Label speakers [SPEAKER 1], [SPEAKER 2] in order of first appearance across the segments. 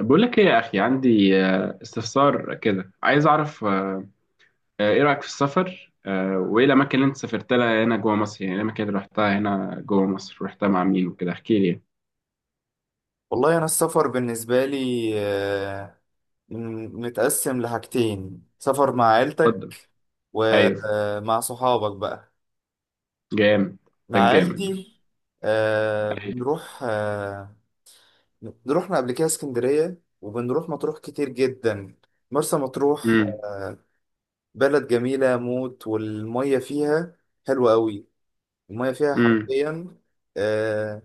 [SPEAKER 1] بقول لك ايه يا اخي عندي استفسار كده عايز اعرف ايه رايك في السفر وايه الاماكن اللي انت سافرت لها هنا جوه مصر يعني إيه الاماكن اللي رحتها هنا جوه مصر رحتها مع مين وكده احكي لي يعني.
[SPEAKER 2] والله أنا السفر بالنسبة لي متقسم لحاجتين، سفر مع
[SPEAKER 1] اتفضل.
[SPEAKER 2] عيلتك
[SPEAKER 1] ايوه.
[SPEAKER 2] ومع صحابك بقى.
[SPEAKER 1] جامد.
[SPEAKER 2] مع
[SPEAKER 1] ده الجامد ده.
[SPEAKER 2] عيلتي
[SPEAKER 1] ايوه.
[SPEAKER 2] بنروح. رحنا قبل كده اسكندرية، وبنروح مطروح كتير جدا. مرسى مطروح
[SPEAKER 1] امم.
[SPEAKER 2] بلد جميلة موت، والمية فيها حلوة قوي. المية فيها
[SPEAKER 1] امم.
[SPEAKER 2] حرفيا، آه،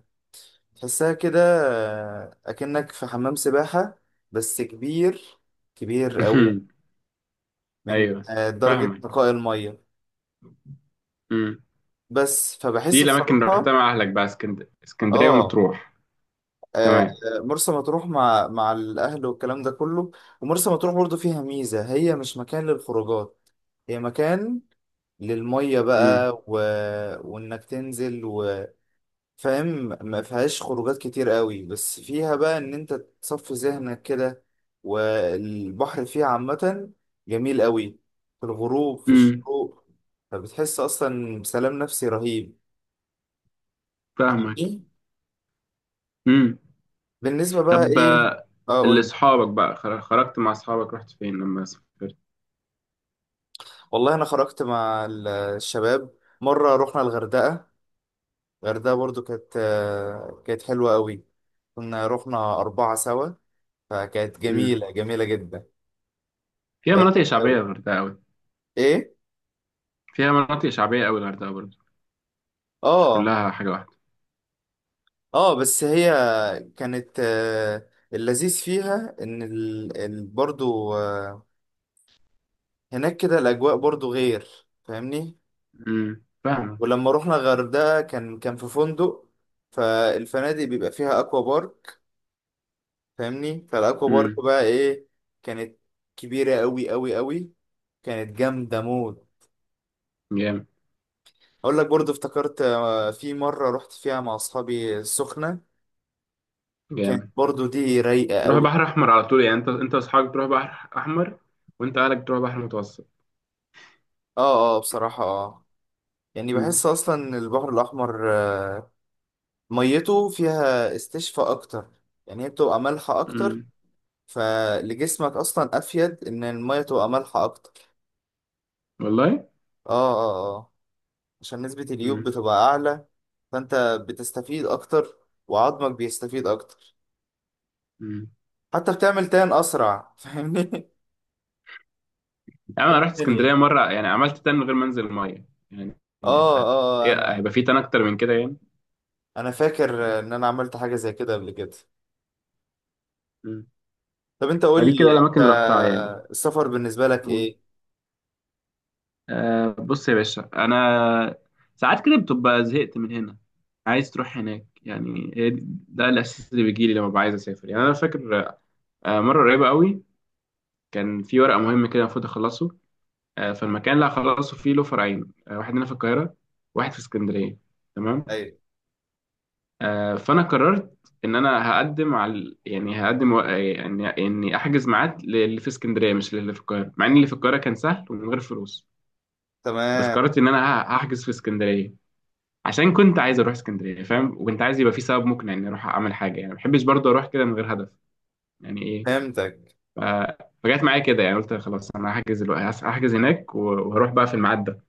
[SPEAKER 2] تحسها كده، أكنك في حمام سباحة بس كبير، كبير قوي. من
[SPEAKER 1] ايوه.
[SPEAKER 2] درجة
[SPEAKER 1] فاهمك.
[SPEAKER 2] نقاء المية.
[SPEAKER 1] امم.
[SPEAKER 2] بس
[SPEAKER 1] دي
[SPEAKER 2] فبحس
[SPEAKER 1] الاماكن اللي رحتها
[SPEAKER 2] بصراحة.
[SPEAKER 1] مع اهلك بقى اسكندريه
[SPEAKER 2] اه،
[SPEAKER 1] ومطروح.
[SPEAKER 2] آه،
[SPEAKER 1] تمام.
[SPEAKER 2] مرسى مطروح مع الأهل والكلام ده كله. ومرسى مطروح برضو فيها ميزة، هي مش مكان للخروجات، هي مكان للمية
[SPEAKER 1] امم.
[SPEAKER 2] بقى وإنك تنزل فاهم. ما فيهاش خروجات كتير قوي، بس فيها بقى ان انت تصفي ذهنك كده، والبحر فيها عامة جميل قوي، في الغروب، في
[SPEAKER 1] امم.
[SPEAKER 2] الشروق. فبتحس اصلا بسلام نفسي رهيب.
[SPEAKER 1] فاهمك.
[SPEAKER 2] فاهمني؟
[SPEAKER 1] امم.
[SPEAKER 2] بالنسبة بقى
[SPEAKER 1] طب
[SPEAKER 2] ايه
[SPEAKER 1] اللي
[SPEAKER 2] اقول.
[SPEAKER 1] اصحابك بقى خرجت مع اصحابك رحت فين لما سافرت؟
[SPEAKER 2] والله انا خرجت مع الشباب. مرة رحنا الغردقة. الغردقة برضو كانت حلوة قوي. كنا رحنا 4 سوا، فكانت
[SPEAKER 1] مم.
[SPEAKER 2] جميلة جميلة جدا.
[SPEAKER 1] فيها
[SPEAKER 2] آه،
[SPEAKER 1] مناطق شعبية الغردقة أوي.
[SPEAKER 2] ايه.
[SPEAKER 1] فيها مناطق شعبية أوي الغردقة برضه، مش
[SPEAKER 2] اه،
[SPEAKER 1] كلها حاجة واحدة.
[SPEAKER 2] اه، بس هي كانت آه، اللذيذ فيها ان برضو، هناك كده الاجواء برضو غير. فاهمني؟
[SPEAKER 1] مم. فاهمك.
[SPEAKER 2] ولما رحنا الغردقة كان في فندق. فالفنادق بيبقى فيها اكوا بارك. فاهمني؟ فالاكوا بارك
[SPEAKER 1] مم.
[SPEAKER 2] بقى ايه. كانت كبيرة قوي قوي قوي، كانت جامدة موت.
[SPEAKER 1] جامد.
[SPEAKER 2] اقول لك برضو افتكرت في مرة رحت فيها مع اصحابي السخنة. كانت
[SPEAKER 1] جامد.
[SPEAKER 2] برضو دي رايقة
[SPEAKER 1] تروح
[SPEAKER 2] قوي.
[SPEAKER 1] بحر أحمر على طول، يعني أنت وأصحابك تروح بحر أحمر، وأنت أهلك تروح بحر متوسط.
[SPEAKER 2] اه، اه، بصراحة اه، يعني
[SPEAKER 1] مم.
[SPEAKER 2] بحس اصلا ان البحر الاحمر، ميته فيها استشفاء اكتر، يعني هي بتبقى مالحه اكتر.
[SPEAKER 1] مم.
[SPEAKER 2] فلجسمك اصلا افيد ان الميه تبقى مالحه اكتر.
[SPEAKER 1] والله.
[SPEAKER 2] اه، اه، اه. عشان نسبه اليود
[SPEAKER 1] مم.
[SPEAKER 2] بتبقى اعلى، فانت بتستفيد اكتر، وعظمك بيستفيد اكتر.
[SPEAKER 1] مم.
[SPEAKER 2] حتى بتعمل تان اسرع. فاهمني؟
[SPEAKER 1] يعني أنا رحت
[SPEAKER 2] بالية.
[SPEAKER 1] اسكندرية مرة، يعني عملت تان من غير ما أنزل المية. يعني
[SPEAKER 2] اه، اه. انا
[SPEAKER 1] هيبقى في تان أكتر من كده يعني؟
[SPEAKER 2] انا فاكر ان انا عملت حاجه زي كده قبل كده.
[SPEAKER 1] مم.
[SPEAKER 2] طب انت قول
[SPEAKER 1] فدي
[SPEAKER 2] لي،
[SPEAKER 1] كده
[SPEAKER 2] انت
[SPEAKER 1] الأماكن اللي رحتها يعني.
[SPEAKER 2] السفر بالنسبه لك ايه؟
[SPEAKER 1] بص يا باشا، انا ساعات كده بتبقى زهقت من هنا، عايز تروح هناك. يعني هي ده الاساس اللي بيجي لي لما ببقى عايز اسافر يعني. انا فاكر مره قريبه قوي كان في ورقه مهمه كده المفروض اخلصه. فالمكان اللي هخلصه فيه له فرعين، واحد هنا في القاهره، واحد في اسكندريه. تمام.
[SPEAKER 2] ايوه.
[SPEAKER 1] فانا قررت ان انا هقدم على، يعني هقدم يعني اني احجز ميعاد للي في اسكندريه مش للي في القاهره، مع ان اللي في القاهره كان سهل ومن غير فلوس. بس
[SPEAKER 2] تمام.
[SPEAKER 1] قررت ان انا هحجز في اسكندريه عشان كنت عايز اروح اسكندريه فاهم، وكنت عايز يبقى في سبب مقنع اني اروح اعمل حاجه يعني، ما بحبش برضه اروح كده من غير هدف. يعني ايه
[SPEAKER 2] فهمتك.
[SPEAKER 1] ف... فجت معايا كده، يعني قلت خلاص انا هحجز هناك وهروح بقى في الميعاد ده.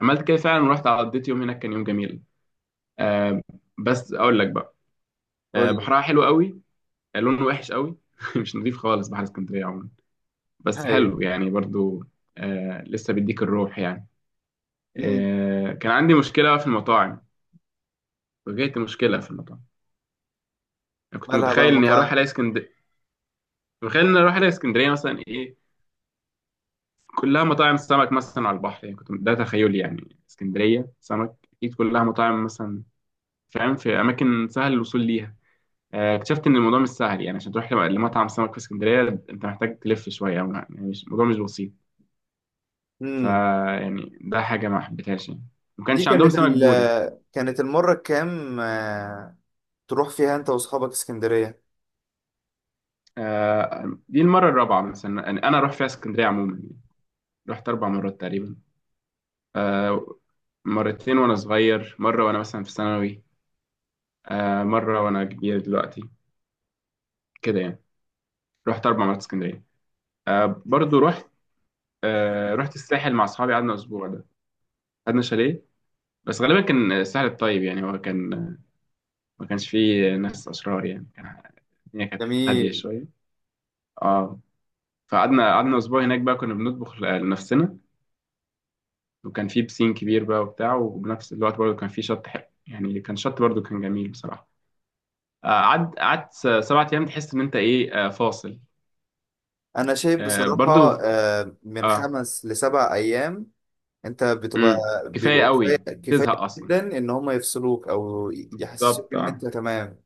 [SPEAKER 1] عملت كده فعلا ورحت قضيت يوم هناك، كان يوم جميل. آه بس اقول لك بقى،
[SPEAKER 2] قول لي.
[SPEAKER 1] بحرها حلو قوي. لونه وحش قوي مش نظيف خالص بحر اسكندريه عموما. بس
[SPEAKER 2] هاي.
[SPEAKER 1] حلو يعني برضه، لسه بيديك الروح يعني.
[SPEAKER 2] امم.
[SPEAKER 1] كان عندي مشكله في المطاعم. واجهت مشكله في المطاعم. أنا كنت
[SPEAKER 2] مالها بقى
[SPEAKER 1] متخيل اني هروح الاقي
[SPEAKER 2] المطاعم؟
[SPEAKER 1] اسكندريه، تخيلنا نروح لاسكندريه مثلا ايه، كلها مطاعم سمك مثلا على البحر يعني. كنت ده تخيلي، يعني اسكندريه سمك اكيد كلها مطاعم مثلا. فاهم؟ في اماكن سهل الوصول ليها. اكتشفت ان الموضوع مش سهل يعني. عشان تروح لمطعم سمك في اسكندريه انت محتاج تلف شويه، أو يعني مش الموضوع مش بسيط. فا
[SPEAKER 2] امم.
[SPEAKER 1] يعني ده حاجه ما حبيتهاش يعني. ما
[SPEAKER 2] دي
[SPEAKER 1] كانش عندهم سمك بوري.
[SPEAKER 2] كانت المرة الكام، تروح فيها انت واصحابك اسكندرية؟
[SPEAKER 1] دي المره الرابعه مثلا يعني انا اروح فيها اسكندريه عموما يعني. رحت اربع مرات تقريبا. آه، مرتين وانا صغير، مره وانا مثلا في ثانوي، مرة وأنا كبير دلوقتي. كده يعني. رحت أربع مرات اسكندرية. برضو رحت، رحت الساحل مع أصحابي، قعدنا أسبوع ده، قعدنا شاليه. بس غالبا كان الساحل الطيب يعني، هو كان ما كانش فيه ناس أشرار يعني، كان الدنيا كانت هادية
[SPEAKER 2] جميل.
[SPEAKER 1] شوية. اه. فقعدنا أسبوع هناك بقى، كنا بنطبخ لنفسنا، وكان فيه بسين كبير بقى وبتاع، وبنفس الوقت برضو كان فيه شط حلو يعني، كان شط برضو كان جميل بصراحة. قعدت سبعة أيام تحس إن أنت إيه فاصل.
[SPEAKER 2] انا شايف
[SPEAKER 1] آه،
[SPEAKER 2] بصراحة
[SPEAKER 1] برضو.
[SPEAKER 2] من
[SPEAKER 1] اه.
[SPEAKER 2] 5 لـ7 ايام انت بتبقى،
[SPEAKER 1] امم. كفايه
[SPEAKER 2] بيبقى كفاية.
[SPEAKER 1] قوي.
[SPEAKER 2] كفاية
[SPEAKER 1] تزهق اصلا.
[SPEAKER 2] جدا ان هم يفصلوك او يحسسوك
[SPEAKER 1] بالظبط.
[SPEAKER 2] ان
[SPEAKER 1] اه.
[SPEAKER 2] انت تمام.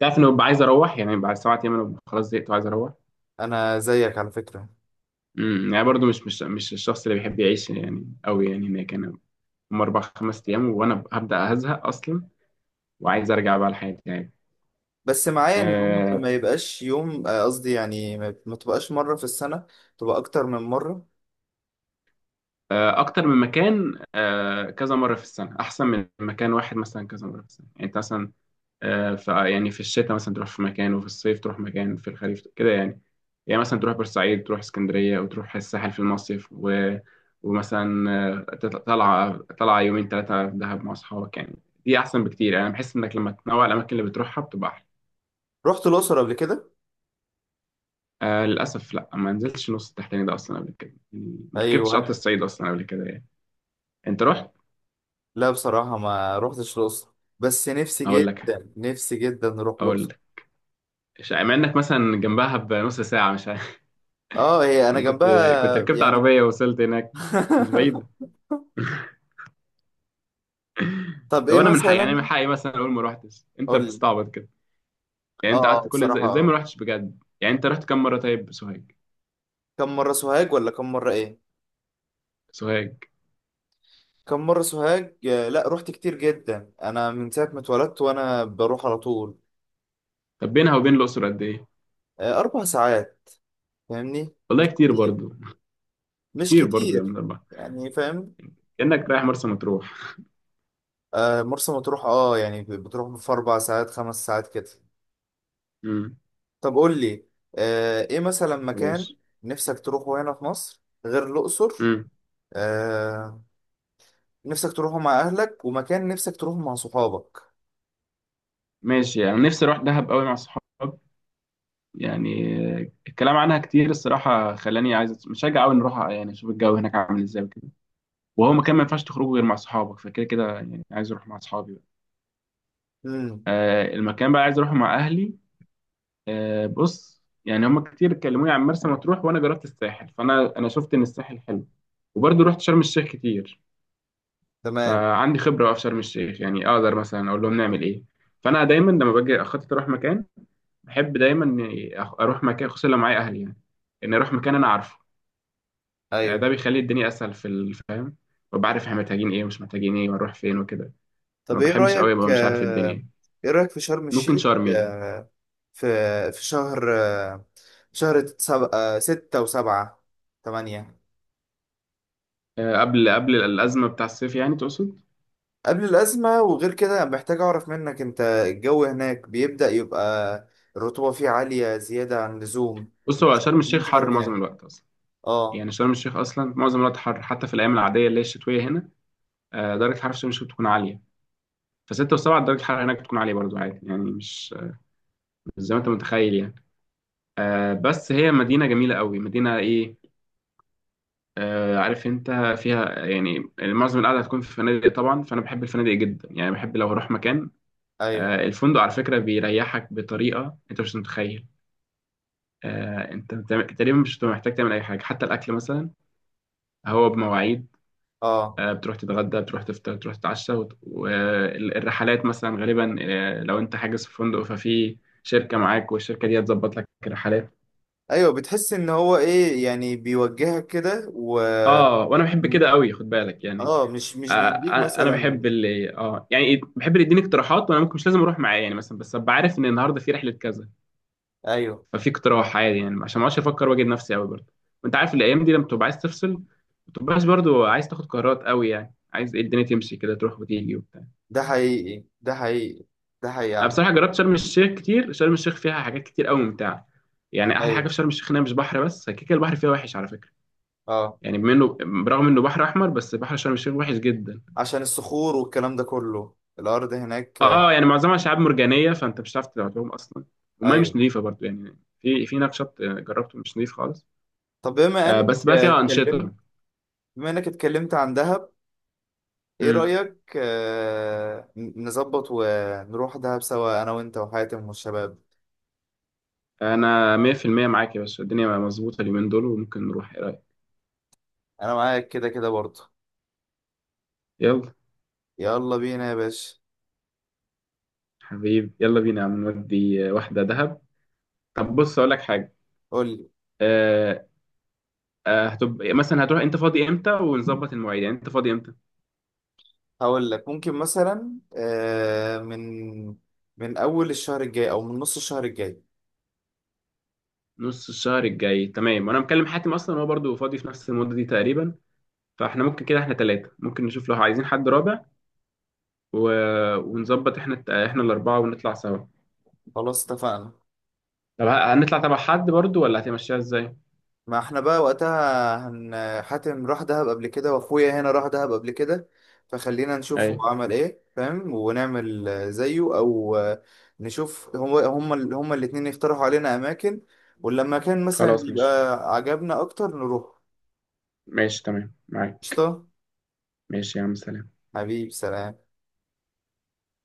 [SPEAKER 1] تعرف انه ببقى عايز اروح يعني، بعد سبعة ايام انا ببقى خلاص زهقت وعايز اروح.
[SPEAKER 2] انا زيك على فكرة.
[SPEAKER 1] امم. يعني برضو مش الشخص اللي بيحب يعيش يعني قوي يعني هناك انا. هم اربع خمس ايام وانا هبدا هزهق اصلا وعايز ارجع بقى لحياتي يعني.
[SPEAKER 2] بس معايا ان هم
[SPEAKER 1] آه،
[SPEAKER 2] ما يبقاش يوم، قصدي يعني ما تبقاش مرة في السنة، تبقى اكتر من مرة.
[SPEAKER 1] اكتر من مكان، كذا مره في السنه احسن من مكان واحد مثلا كذا مره في السنه. يعني انت مثلا، فيعني في الشتاء مثلا تروح في مكان، وفي الصيف تروح مكان، في الخريف كده يعني. يعني مثلا تروح بورسعيد، تروح اسكندرية، وتروح الساحل في المصيف ومثلا طلعة يومين ثلاثة في دهب مع أصحابك يعني. دي أحسن بكتير يعني. أنا بحس إنك لما تنوع الأماكن اللي بتروحها بتبقى أحلى.
[SPEAKER 2] رحت الأقصر قبل كده؟
[SPEAKER 1] آه للأسف لأ، ما نزلتش نص التحتاني ده أصلا قبل كده يعني، ما ركبتش قطر
[SPEAKER 2] أيوه.
[SPEAKER 1] الصعيد أصلا قبل كده يعني. أنت رحت؟
[SPEAKER 2] لا بصراحة، ما رحتش الأقصر، بس نفسي
[SPEAKER 1] أقول لك
[SPEAKER 2] جدا، نفسي جدا نروح
[SPEAKER 1] أقول
[SPEAKER 2] الأقصر.
[SPEAKER 1] لك مع إنك مثلا جنبها بنص ساعة مش عارف.
[SPEAKER 2] اه، هي أنا
[SPEAKER 1] يعني كنت
[SPEAKER 2] جنبها
[SPEAKER 1] ركبت عربية
[SPEAKER 2] يعني.
[SPEAKER 1] ووصلت هناك، مش بعيدة.
[SPEAKER 2] طب
[SPEAKER 1] طب
[SPEAKER 2] إيه
[SPEAKER 1] انا من حقي يعني، من
[SPEAKER 2] مثلا؟
[SPEAKER 1] حقي مثلا اقول ما روحتش، انت
[SPEAKER 2] قول لي.
[SPEAKER 1] بتستعبط كده. يعني انت
[SPEAKER 2] اه،
[SPEAKER 1] قعدت،
[SPEAKER 2] اه،
[SPEAKER 1] كل ازاي
[SPEAKER 2] بصراحة
[SPEAKER 1] ازاي ما
[SPEAKER 2] آه.
[SPEAKER 1] روحتش بجد. يعني انت رحت كام مره طيب سوهاج؟
[SPEAKER 2] كم مرة سوهاج ولا كم مرة إيه؟
[SPEAKER 1] سوهاج.
[SPEAKER 2] كم مرة سوهاج؟ لا، رحت كتير جدا، أنا من ساعة ما اتولدت وأنا بروح على طول.
[SPEAKER 1] طب بينها وبين الاقصر قد ايه؟
[SPEAKER 2] 4 ساعات. فاهمني؟ مش
[SPEAKER 1] والله كتير
[SPEAKER 2] كتير،
[SPEAKER 1] برضو،
[SPEAKER 2] مش
[SPEAKER 1] كتير برضو يا
[SPEAKER 2] كتير
[SPEAKER 1] من الله.
[SPEAKER 2] يعني. فاهم؟
[SPEAKER 1] كانك رايح مرسى مطروح.
[SPEAKER 2] مرسى مطروح اه، يعني بتروح في 4 ساعات، 5 ساعات كده.
[SPEAKER 1] امم.
[SPEAKER 2] طب قول لي، ايه مثلا مكان
[SPEAKER 1] ماشي.
[SPEAKER 2] نفسك تروحه هنا في مصر غير الأقصر؟
[SPEAKER 1] امم.
[SPEAKER 2] آه، نفسك تروحه مع أهلك، ومكان نفسك تروحه مع صحابك.
[SPEAKER 1] ماشي. يعني نفسي اروح دهب قوي مع صحاب يعني. الكلام عنها كتير الصراحه خلاني عايز مشجع قوي نروح يعني، اشوف الجو هناك عامل ازاي وكده. وهو مكان ما
[SPEAKER 2] طيب.
[SPEAKER 1] ينفعش تخرجه غير مع صحابك، فكده كده يعني عايز اروح مع صحابي بقى.
[SPEAKER 2] امم.
[SPEAKER 1] المكان بقى عايز اروحه مع اهلي، بص يعني هما كتير كلموني عن مرسى مطروح، وانا جربت الساحل، فانا شفت ان الساحل حلو، وبرضه رحت شرم الشيخ كتير.
[SPEAKER 2] تمام.
[SPEAKER 1] فعندي خبره بقى في شرم الشيخ، يعني اقدر مثلا اقول لهم نعمل ايه. فانا دايما لما باجي اخطط اروح مكان، بحب دايما إني اروح مكان خصوصا لو معايا اهلي يعني، ان اروح مكان انا عارفه.
[SPEAKER 2] ايوه.
[SPEAKER 1] ده بيخلي الدنيا اسهل في الفهم، ببقى عارف احنا محتاجين ايه ومش محتاجين ايه ونروح فين وكده. ما
[SPEAKER 2] طب
[SPEAKER 1] بحبش قوي ابقى مش عارف الدنيا.
[SPEAKER 2] ايه رأيك في شرم
[SPEAKER 1] ممكن
[SPEAKER 2] الشيخ؟
[SPEAKER 1] شرم يعني،
[SPEAKER 2] آه، في شهر، شهر 7، 6 و7، 8.
[SPEAKER 1] قبل الازمه بتاع الصيف يعني تقصد.
[SPEAKER 2] قبل الأزمة. وغير كده محتاج أعرف منك أنت، الجو هناك بيبدأ يبقى الرطوبة فيه عالية زيادة عن اللزوم.
[SPEAKER 1] بص، هو شرم
[SPEAKER 2] من
[SPEAKER 1] الشيخ
[SPEAKER 2] شهر
[SPEAKER 1] حر معظم
[SPEAKER 2] كام؟
[SPEAKER 1] الوقت اصلا.
[SPEAKER 2] اه.
[SPEAKER 1] يعني شرم الشيخ اصلا معظم الوقت حر، حتى في الايام العاديه اللي هي الشتويه هنا. درجه الحراره في شرم الشيخ بتكون عاليه، فستة وسبعة درجة الحرارة هناك بتكون عالية برضو عادي يعني، مش زي ما انت متخيل يعني. بس هي مدينة جميلة قوي، مدينة ايه، عارف انت. فيها يعني معظم القعدة هتكون في فنادق طبعا، فانا بحب الفنادق جدا يعني، بحب لو هروح مكان،
[SPEAKER 2] أيوه.
[SPEAKER 1] الفندق على فكرة بيريحك بطريقة انت مش متخيل. انت تقريبا مش بتبقى محتاج تعمل اي حاجة، حتى الاكل مثلا هو بمواعيد.
[SPEAKER 2] اه.
[SPEAKER 1] بتروح تتغدى، بتروح تفطر، بتروح تتعشى، والرحلات مثلا غالبا، لو انت حاجز في فندق ففي شركة معاك، والشركة دي هتظبط لك الرحلات.
[SPEAKER 2] أيوه، بتحس إن هو إيه يعني بيوجهك كده و
[SPEAKER 1] اه، وانا بحب كده قوي خد بالك يعني.
[SPEAKER 2] اه، مش مش بيديك
[SPEAKER 1] انا بحب
[SPEAKER 2] مثلا.
[SPEAKER 1] اللي يعني إيه، بحب اللي يديني اقتراحات، وانا ممكن مش لازم اروح معاه يعني مثلا، بس ابقى عارف ان النهارده في رحلة كذا،
[SPEAKER 2] أيوه،
[SPEAKER 1] ففي اقتراح عادي يعني، عشان ما اقعدش افكر واجد نفسي قوي برضه. وانت عارف الايام دي لما تبقى عايز تفصل ما تبقاش برضه عايز تاخد قرارات قوي يعني، عايز إيه الدنيا تمشي كده تروح وتيجي وبتاع.
[SPEAKER 2] ده حقيقي، ده حقيقي، ده حقيقي يا
[SPEAKER 1] أنا
[SPEAKER 2] عم.
[SPEAKER 1] بصراحة جربت شرم الشيخ كتير. شرم الشيخ فيها حاجات كتير قوي ممتعة. يعني أحلى حاجة
[SPEAKER 2] أيوه.
[SPEAKER 1] في شرم الشيخ إنها مش بحر بس، كده كده البحر فيها وحش على فكرة.
[SPEAKER 2] اه،
[SPEAKER 1] يعني بما إنه برغم إنه بحر أحمر، بس بحر شرم الشيخ وحش جدا.
[SPEAKER 2] عشان الصخور والكلام ده كله الأرض هناك.
[SPEAKER 1] أه، يعني معظمها شعاب مرجانية فأنت مش هتعرف تلعبهم أصلا. والمية مش
[SPEAKER 2] أيوه.
[SPEAKER 1] نظيفة برضو، يعني في هناك شط جربته مش نظيف خالص.
[SPEAKER 2] طب
[SPEAKER 1] بس بقى فيها أنشطة.
[SPEAKER 2] بما إنك اتكلمت عن دهب. ايه
[SPEAKER 1] امم
[SPEAKER 2] رأيك، نظبط ونروح دهب سوا انا وانت وحاتم والشباب؟
[SPEAKER 1] أنا 100% معاك يا باشا، الدنيا مظبوطة اليومين دول، وممكن نروح، إيه رأيك؟
[SPEAKER 2] انا معاك كده كده برضه.
[SPEAKER 1] يلا.
[SPEAKER 2] يلا بينا يا باشا.
[SPEAKER 1] حبيبي يلا بينا يا عم، نودي واحدة دهب. طب بص أقول لك حاجة،
[SPEAKER 2] قولي.
[SPEAKER 1] آه، هتبقى مثلا هتروح، انت فاضي امتى ونظبط المواعيد، يعني انت فاضي امتى؟
[SPEAKER 2] هقول لك، ممكن مثلا، من اول الشهر الجاي او من نص الشهر الجاي.
[SPEAKER 1] نص الشهر الجاي تمام. وانا مكلم حاتم اصلا هو برضو فاضي في نفس المده دي تقريبا، فاحنا ممكن كده احنا ثلاثه، ممكن نشوف لو عايزين حد رابع، و... ونظبط احنا الاربعه ونطلع سوا.
[SPEAKER 2] خلاص اتفقنا.
[SPEAKER 1] طب هنطلع تبع حد برضو ولا هتمشيها ازاي؟
[SPEAKER 2] ما احنا بقى وقتها حاتم راح دهب قبل كده، واخويا هنا راح دهب قبل كده. فخلينا نشوف
[SPEAKER 1] اي.
[SPEAKER 2] هو عمل ايه فاهم، ونعمل زيه او، نشوف هو، هما هما الاتنين يقترحوا علينا اماكن. ولما كان مثلا
[SPEAKER 1] خلاص ماشي.
[SPEAKER 2] يبقى عجبنا اكتر نروح.
[SPEAKER 1] ماشي تمام معاك.
[SPEAKER 2] قشطة.
[SPEAKER 1] ماشي يا عم سلام.
[SPEAKER 2] حبيب. سلام.